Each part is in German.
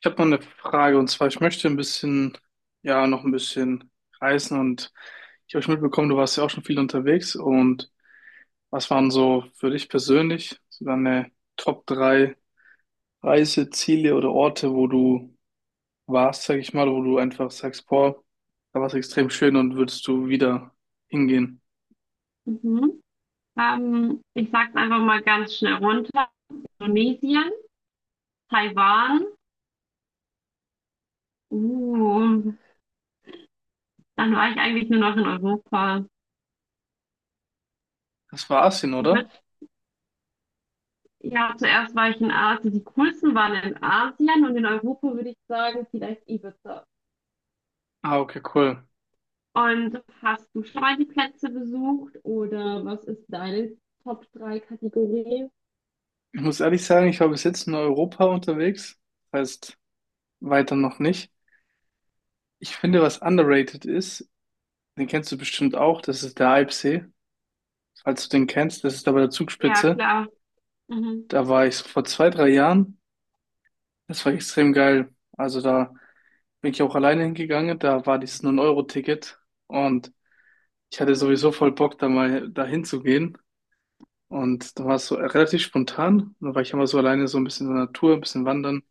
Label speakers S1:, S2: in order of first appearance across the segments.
S1: Ich habe mal eine Frage, und zwar ich möchte ein bisschen, ja, noch ein bisschen reisen, und ich habe schon mitbekommen, du warst ja auch schon viel unterwegs. Und was waren so für dich persönlich so deine Top 3 Reiseziele oder Orte, wo du warst, sag ich mal, wo du einfach sagst, boah, da war es extrem schön und würdest du wieder hingehen?
S2: Mhm. Ich sag's einfach mal ganz schnell runter. Indonesien, Taiwan. Uh, Dann war ich eigentlich nur noch in Europa.
S1: Das war Asien,
S2: Ich
S1: oder?
S2: würde, ja, zuerst war ich in Asien. Die coolsten waren in Asien und in Europa würde ich sagen, vielleicht Ibiza.
S1: Ah, okay, cool.
S2: Und hast du schon mal die Plätze besucht oder was ist deine Top drei Kategorie?
S1: Ich muss ehrlich sagen, ich war bis jetzt in Europa unterwegs, das heißt weiter noch nicht. Ich finde, was underrated ist, den kennst du bestimmt auch, das ist der Alpsee. Falls du den kennst, das ist da bei der
S2: Ja,
S1: Zugspitze.
S2: klar. Mhm.
S1: Da war ich vor 2, 3 Jahren. Das war extrem geil. Also da bin ich auch alleine hingegangen. Da war dieses 9-Euro-Ticket und ich hatte
S2: Nein.
S1: sowieso voll Bock, da mal dahin zu gehen. Und da war es so relativ spontan. Und da war ich immer so alleine, so ein bisschen in der Natur, ein bisschen wandern.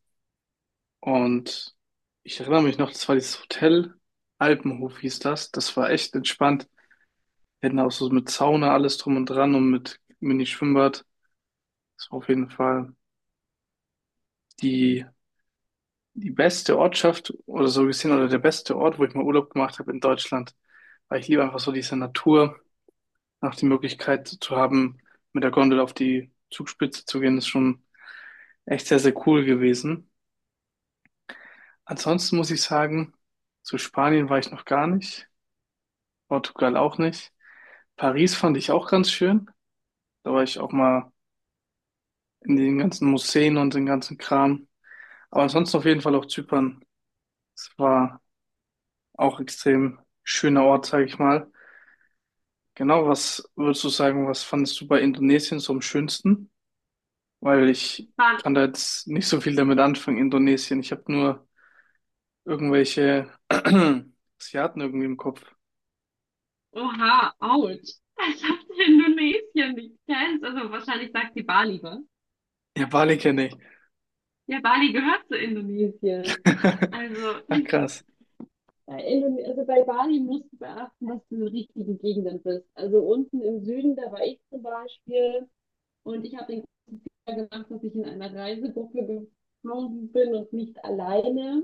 S1: Und ich erinnere mich noch, das war dieses Hotel, Alpenhof hieß das. Das war echt entspannt. Wir hatten auch so mit Sauna alles drum und dran und mit Mini-Schwimmbad. Ist auf jeden Fall die, die beste Ortschaft oder so gesehen oder der beste Ort, wo ich mal Urlaub gemacht habe in Deutschland. Weil ich liebe einfach so diese Natur, auch die Möglichkeit zu haben, mit der Gondel auf die Zugspitze zu gehen, ist schon echt sehr, sehr cool gewesen. Ansonsten muss ich sagen, zu Spanien war ich noch gar nicht, Portugal auch nicht. Paris fand ich auch ganz schön. Da war ich auch mal in den ganzen Museen und den ganzen Kram. Aber ansonsten auf jeden Fall auch Zypern. Es war auch extrem schöner Ort, sage ich mal. Genau, was würdest du sagen, was fandest du bei Indonesien so am schönsten? Weil ich
S2: Dann,
S1: kann da jetzt nicht so viel damit anfangen, Indonesien. Ich habe nur irgendwelche Asiaten irgendwie im Kopf.
S2: oha, ouch. Ich habe Indonesien nicht kennst. Also wahrscheinlich sagt die Bali lieber.
S1: Ja, Bali kenne ich.
S2: Ja, Bali gehört zu Indonesien. Also,
S1: Ach, krass.
S2: Bei Indone also bei Bali musst du beachten, dass du in den richtigen Gegenden bist. Also unten im Süden, da war ich zum Beispiel und ich habe den Fehler gemacht, dass ich in einer Reisegruppe geflogen bin und nicht alleine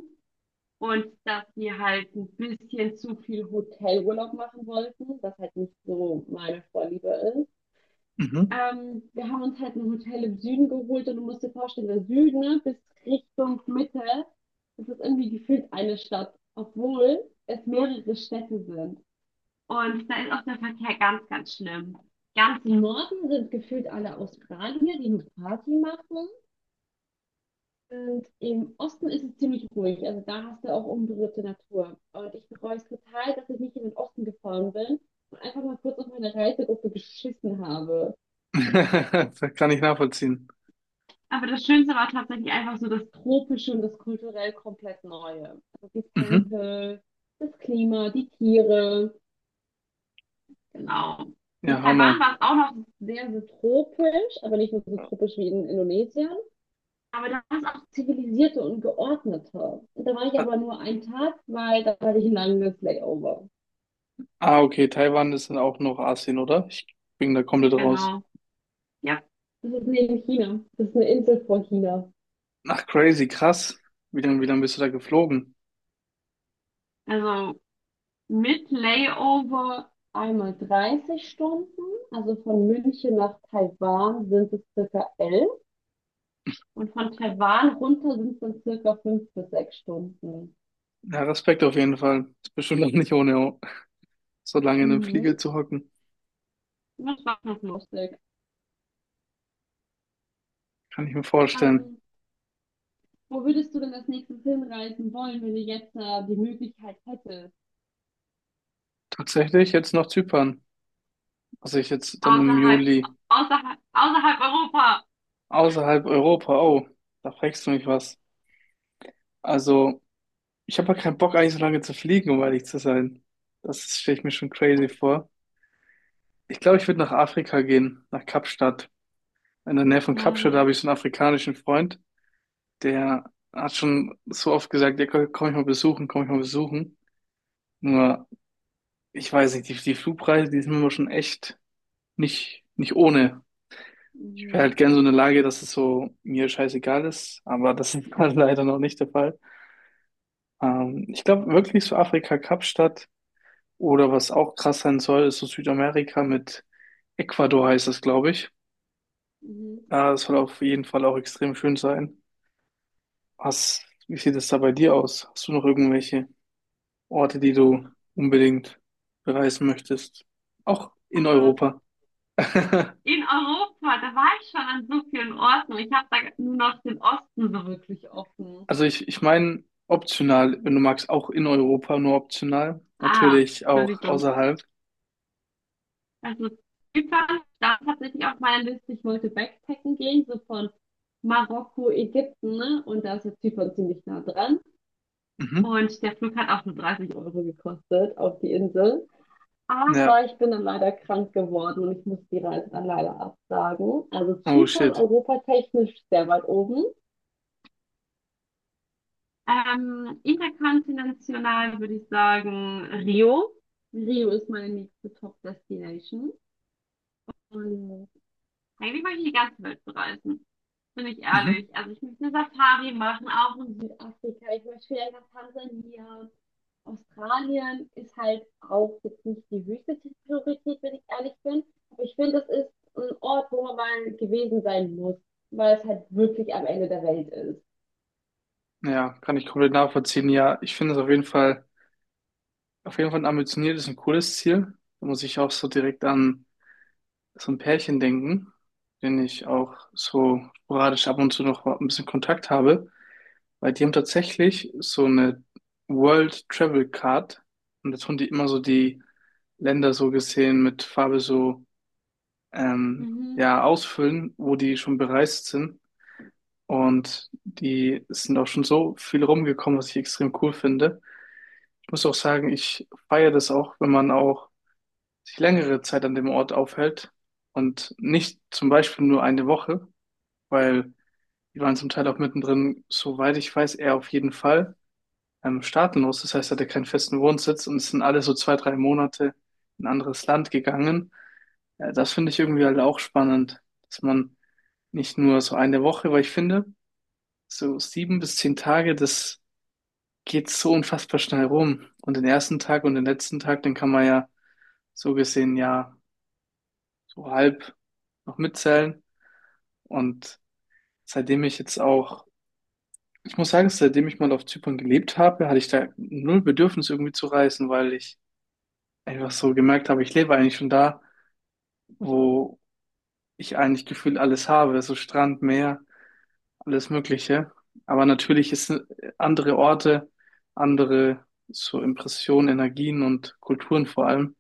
S2: und dass wir halt ein bisschen zu viel Hotelurlaub machen wollten, was halt nicht so meine Vorliebe ist.
S1: Mhm.
S2: Wir haben uns halt ein Hotel im Süden geholt und du musst dir vorstellen, der Süden ne, bis Richtung Mitte, das ist irgendwie gefühlt eine Stadt, obwohl es mehrere Städte sind. Und da ist auch der Verkehr ganz, ganz schlimm. Ganz im Norden sind gefühlt alle Australier, die eine Party machen. Und im Osten ist es ziemlich ruhig. Also da hast du auch unberührte Natur. Und ich bereue es total, dass ich nicht in den Osten gefahren bin und einfach mal kurz auf meine Reisegruppe geschissen habe.
S1: Das kann ich nachvollziehen.
S2: Aber das Schönste war tatsächlich einfach so das Tropische und das kulturell komplett Neue. Also die
S1: Mhm.
S2: Tempel, das Klima, die Tiere. Genau. In
S1: Ja,
S2: Taiwan
S1: Hammer.
S2: war es auch noch sehr, sehr tropisch, aber nicht nur so tropisch wie in Indonesien. Aber da war es auch zivilisierter und geordneter. Und da war ich
S1: Ah,
S2: aber nur einen Tag, weil da hatte ich ein langes Layover.
S1: ah, okay, Taiwan ist dann auch noch Asien, oder? Ich bin da komplett raus.
S2: Genau. Ja. Das ist neben China. Das ist eine Insel vor China.
S1: Ach, crazy, krass. Wie lange bist du da geflogen?
S2: Also mit Layover einmal 30 Stunden, also von München nach Taiwan sind es circa 11, und von Taiwan runter sind es dann circa 5 bis 6 Stunden.
S1: Ja, Respekt auf jeden Fall. Ist bestimmt auch nicht ohne, so lange in einem Flieger
S2: Mhm.
S1: zu hocken.
S2: Das war noch lustig.
S1: Kann ich mir vorstellen.
S2: Ähm, Wo würdest du denn als nächstes hinreisen wollen, wenn du jetzt die Möglichkeit hättest?
S1: Tatsächlich jetzt noch Zypern. Also ich jetzt dann im
S2: Außerhalb,
S1: Juli
S2: außerhalb Europa.
S1: außerhalb Europa. Oh, da fragst du mich was. Also ich habe ja keinen Bock eigentlich so lange zu fliegen, um ehrlich zu sein. Das stelle ich mir schon crazy vor. Ich glaube, ich würde nach Afrika gehen, nach Kapstadt. In der Nähe von Kapstadt habe
S2: Mhm.
S1: ich so einen afrikanischen Freund, der hat schon so oft gesagt, ja, komm komm ich mal besuchen, komm ich mal besuchen. Nur ich weiß nicht, die Flugpreise, die sind immer schon echt nicht ohne. Ich wäre
S2: Mhm.
S1: halt gern so in der Lage, dass es so mir scheißegal ist, aber das ist halt leider noch nicht der Fall. Ich glaube wirklich so Afrika, Kapstadt, oder was auch krass sein soll, ist so Südamerika mit Ecuador heißt das, glaube ich. Ja, das soll auf jeden Fall auch extrem schön sein. Was, wie sieht es da bei dir aus? Hast du noch irgendwelche Orte, die du unbedingt bereisen möchtest? Auch in
S2: Also
S1: Europa.
S2: in Europa, da war ich schon an so vielen Orten. Ich habe da nur noch den Osten so wirklich offen.
S1: Also ich meine optional, wenn du magst, auch in Europa, nur optional.
S2: Ah,
S1: Natürlich auch
S2: Entschuldigung.
S1: außerhalb.
S2: Also Zypern stand tatsächlich auf meiner Liste. Ich wollte Backpacken gehen, so von Marokko, Ägypten, ne? Und da ist ja Zypern ziemlich nah dran.
S1: Mhm.
S2: Und der Flug hat auch nur 30 € gekostet auf die Insel.
S1: Ja.
S2: Aber ich bin dann leider krank geworden und ich muss die Reise dann leider absagen. Also
S1: Oh
S2: Zypern
S1: shit.
S2: europatechnisch sehr weit oben. Interkontinental würde ich sagen Rio. Rio ist meine nächste Top-Destination. Und eigentlich möchte ich die ganze Welt bereisen. Bin ich
S1: Mhm.
S2: ehrlich. Also ich möchte eine Safari machen, auch in Südafrika. Ich möchte vielleicht nach Tansania. Australien ist halt auch jetzt nicht die höchste Priorität, wenn ich ehrlich bin. Aber ich finde, das ist ein Ort, wo man mal gewesen sein muss, weil es halt wirklich am Ende der Welt ist.
S1: Ja, kann ich komplett nachvollziehen. Ja, ich finde es auf jeden Fall ein ambitioniertes und cooles Ziel. Da muss ich auch so direkt an so ein Pärchen denken, den ich auch so sporadisch ab und zu noch ein bisschen Kontakt habe, weil die haben tatsächlich so eine World Travel Card, und da tun die immer so die Länder so gesehen mit Farbe so
S2: Mhm.
S1: ja, ausfüllen, wo die schon bereist sind. Und die sind auch schon so viel rumgekommen, was ich extrem cool finde. Ich muss auch sagen, ich feiere das auch, wenn man auch sich längere Zeit an dem Ort aufhält und nicht zum Beispiel nur eine Woche, weil die waren zum Teil auch mittendrin, soweit ich weiß, eher auf jeden Fall staatenlos. Das heißt, er hatte keinen festen Wohnsitz und sind alle so 2, 3 Monate in ein anderes Land gegangen. Das finde ich irgendwie halt auch spannend, dass man nicht nur so eine Woche, weil ich finde, so 7 bis 10 Tage, das geht so unfassbar schnell rum. Und den ersten Tag und den letzten Tag, den kann man ja so gesehen ja so halb noch mitzählen. Und seitdem ich jetzt auch, ich muss sagen, seitdem ich mal auf Zypern gelebt habe, hatte ich da null Bedürfnis irgendwie zu reisen, weil ich einfach so gemerkt habe, ich lebe eigentlich schon da, wo ich eigentlich gefühlt alles habe, so Strand, Meer, alles Mögliche. Aber natürlich ist andere Orte, andere so Impressionen, Energien und Kulturen vor allem.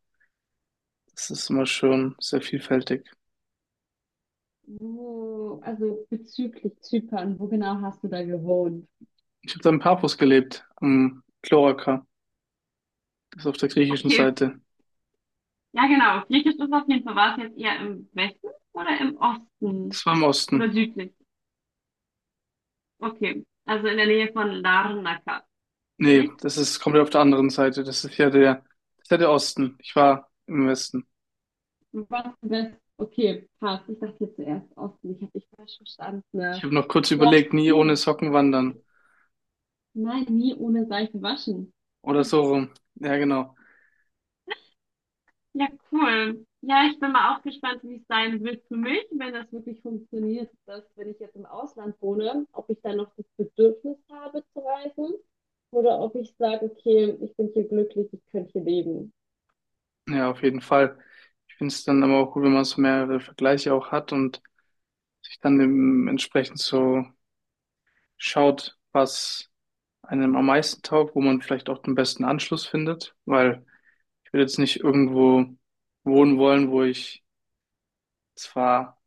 S1: Das ist immer schon sehr vielfältig.
S2: Also wo genau hast du da gewohnt?
S1: Ich habe da in Paphos gelebt, am Kloaka, das ist auf der griechischen
S2: Okay,
S1: Seite.
S2: ja genau. Griechisch ist auf jeden Fall. War es jetzt eher im Westen oder im Osten?
S1: Das war im
S2: Oder
S1: Osten.
S2: südlich? Okay, also in der Nähe von Larnaca.
S1: Nee,
S2: Richtig?
S1: das ist komplett auf der anderen Seite. Das ist ja das ist ja der Osten. Ich war im Westen.
S2: Was West? Okay, passt. Ich dachte jetzt zuerst Osten. Ich habe dich falsch
S1: Ich
S2: verstanden.
S1: habe noch kurz
S2: Ja,
S1: überlegt, nie ohne
S2: cool.
S1: Socken wandern.
S2: Nein, nie ohne Seife waschen.
S1: Oder so rum. Ja, genau.
S2: Ja, cool. Ja, ich bin mal auch gespannt, wie es sein wird für mich, wenn das wirklich funktioniert, dass, wenn ich jetzt im Ausland wohne, ob ich dann noch das Bedürfnis habe zu reisen oder ob ich sage, okay, ich bin hier glücklich, ich könnte hier leben.
S1: Ja, auf jeden Fall. Ich finde es dann aber auch gut, wenn man so mehrere Vergleiche auch hat und sich dann eben entsprechend so schaut, was einem am meisten taugt, wo man vielleicht auch den besten Anschluss findet. Weil ich will jetzt nicht irgendwo wohnen wollen, wo ich zwar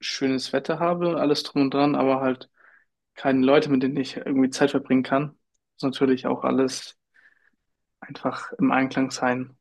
S1: schönes Wetter habe, alles drum und dran, aber halt keine Leute, mit denen ich irgendwie Zeit verbringen kann. Muss natürlich auch alles einfach im Einklang sein.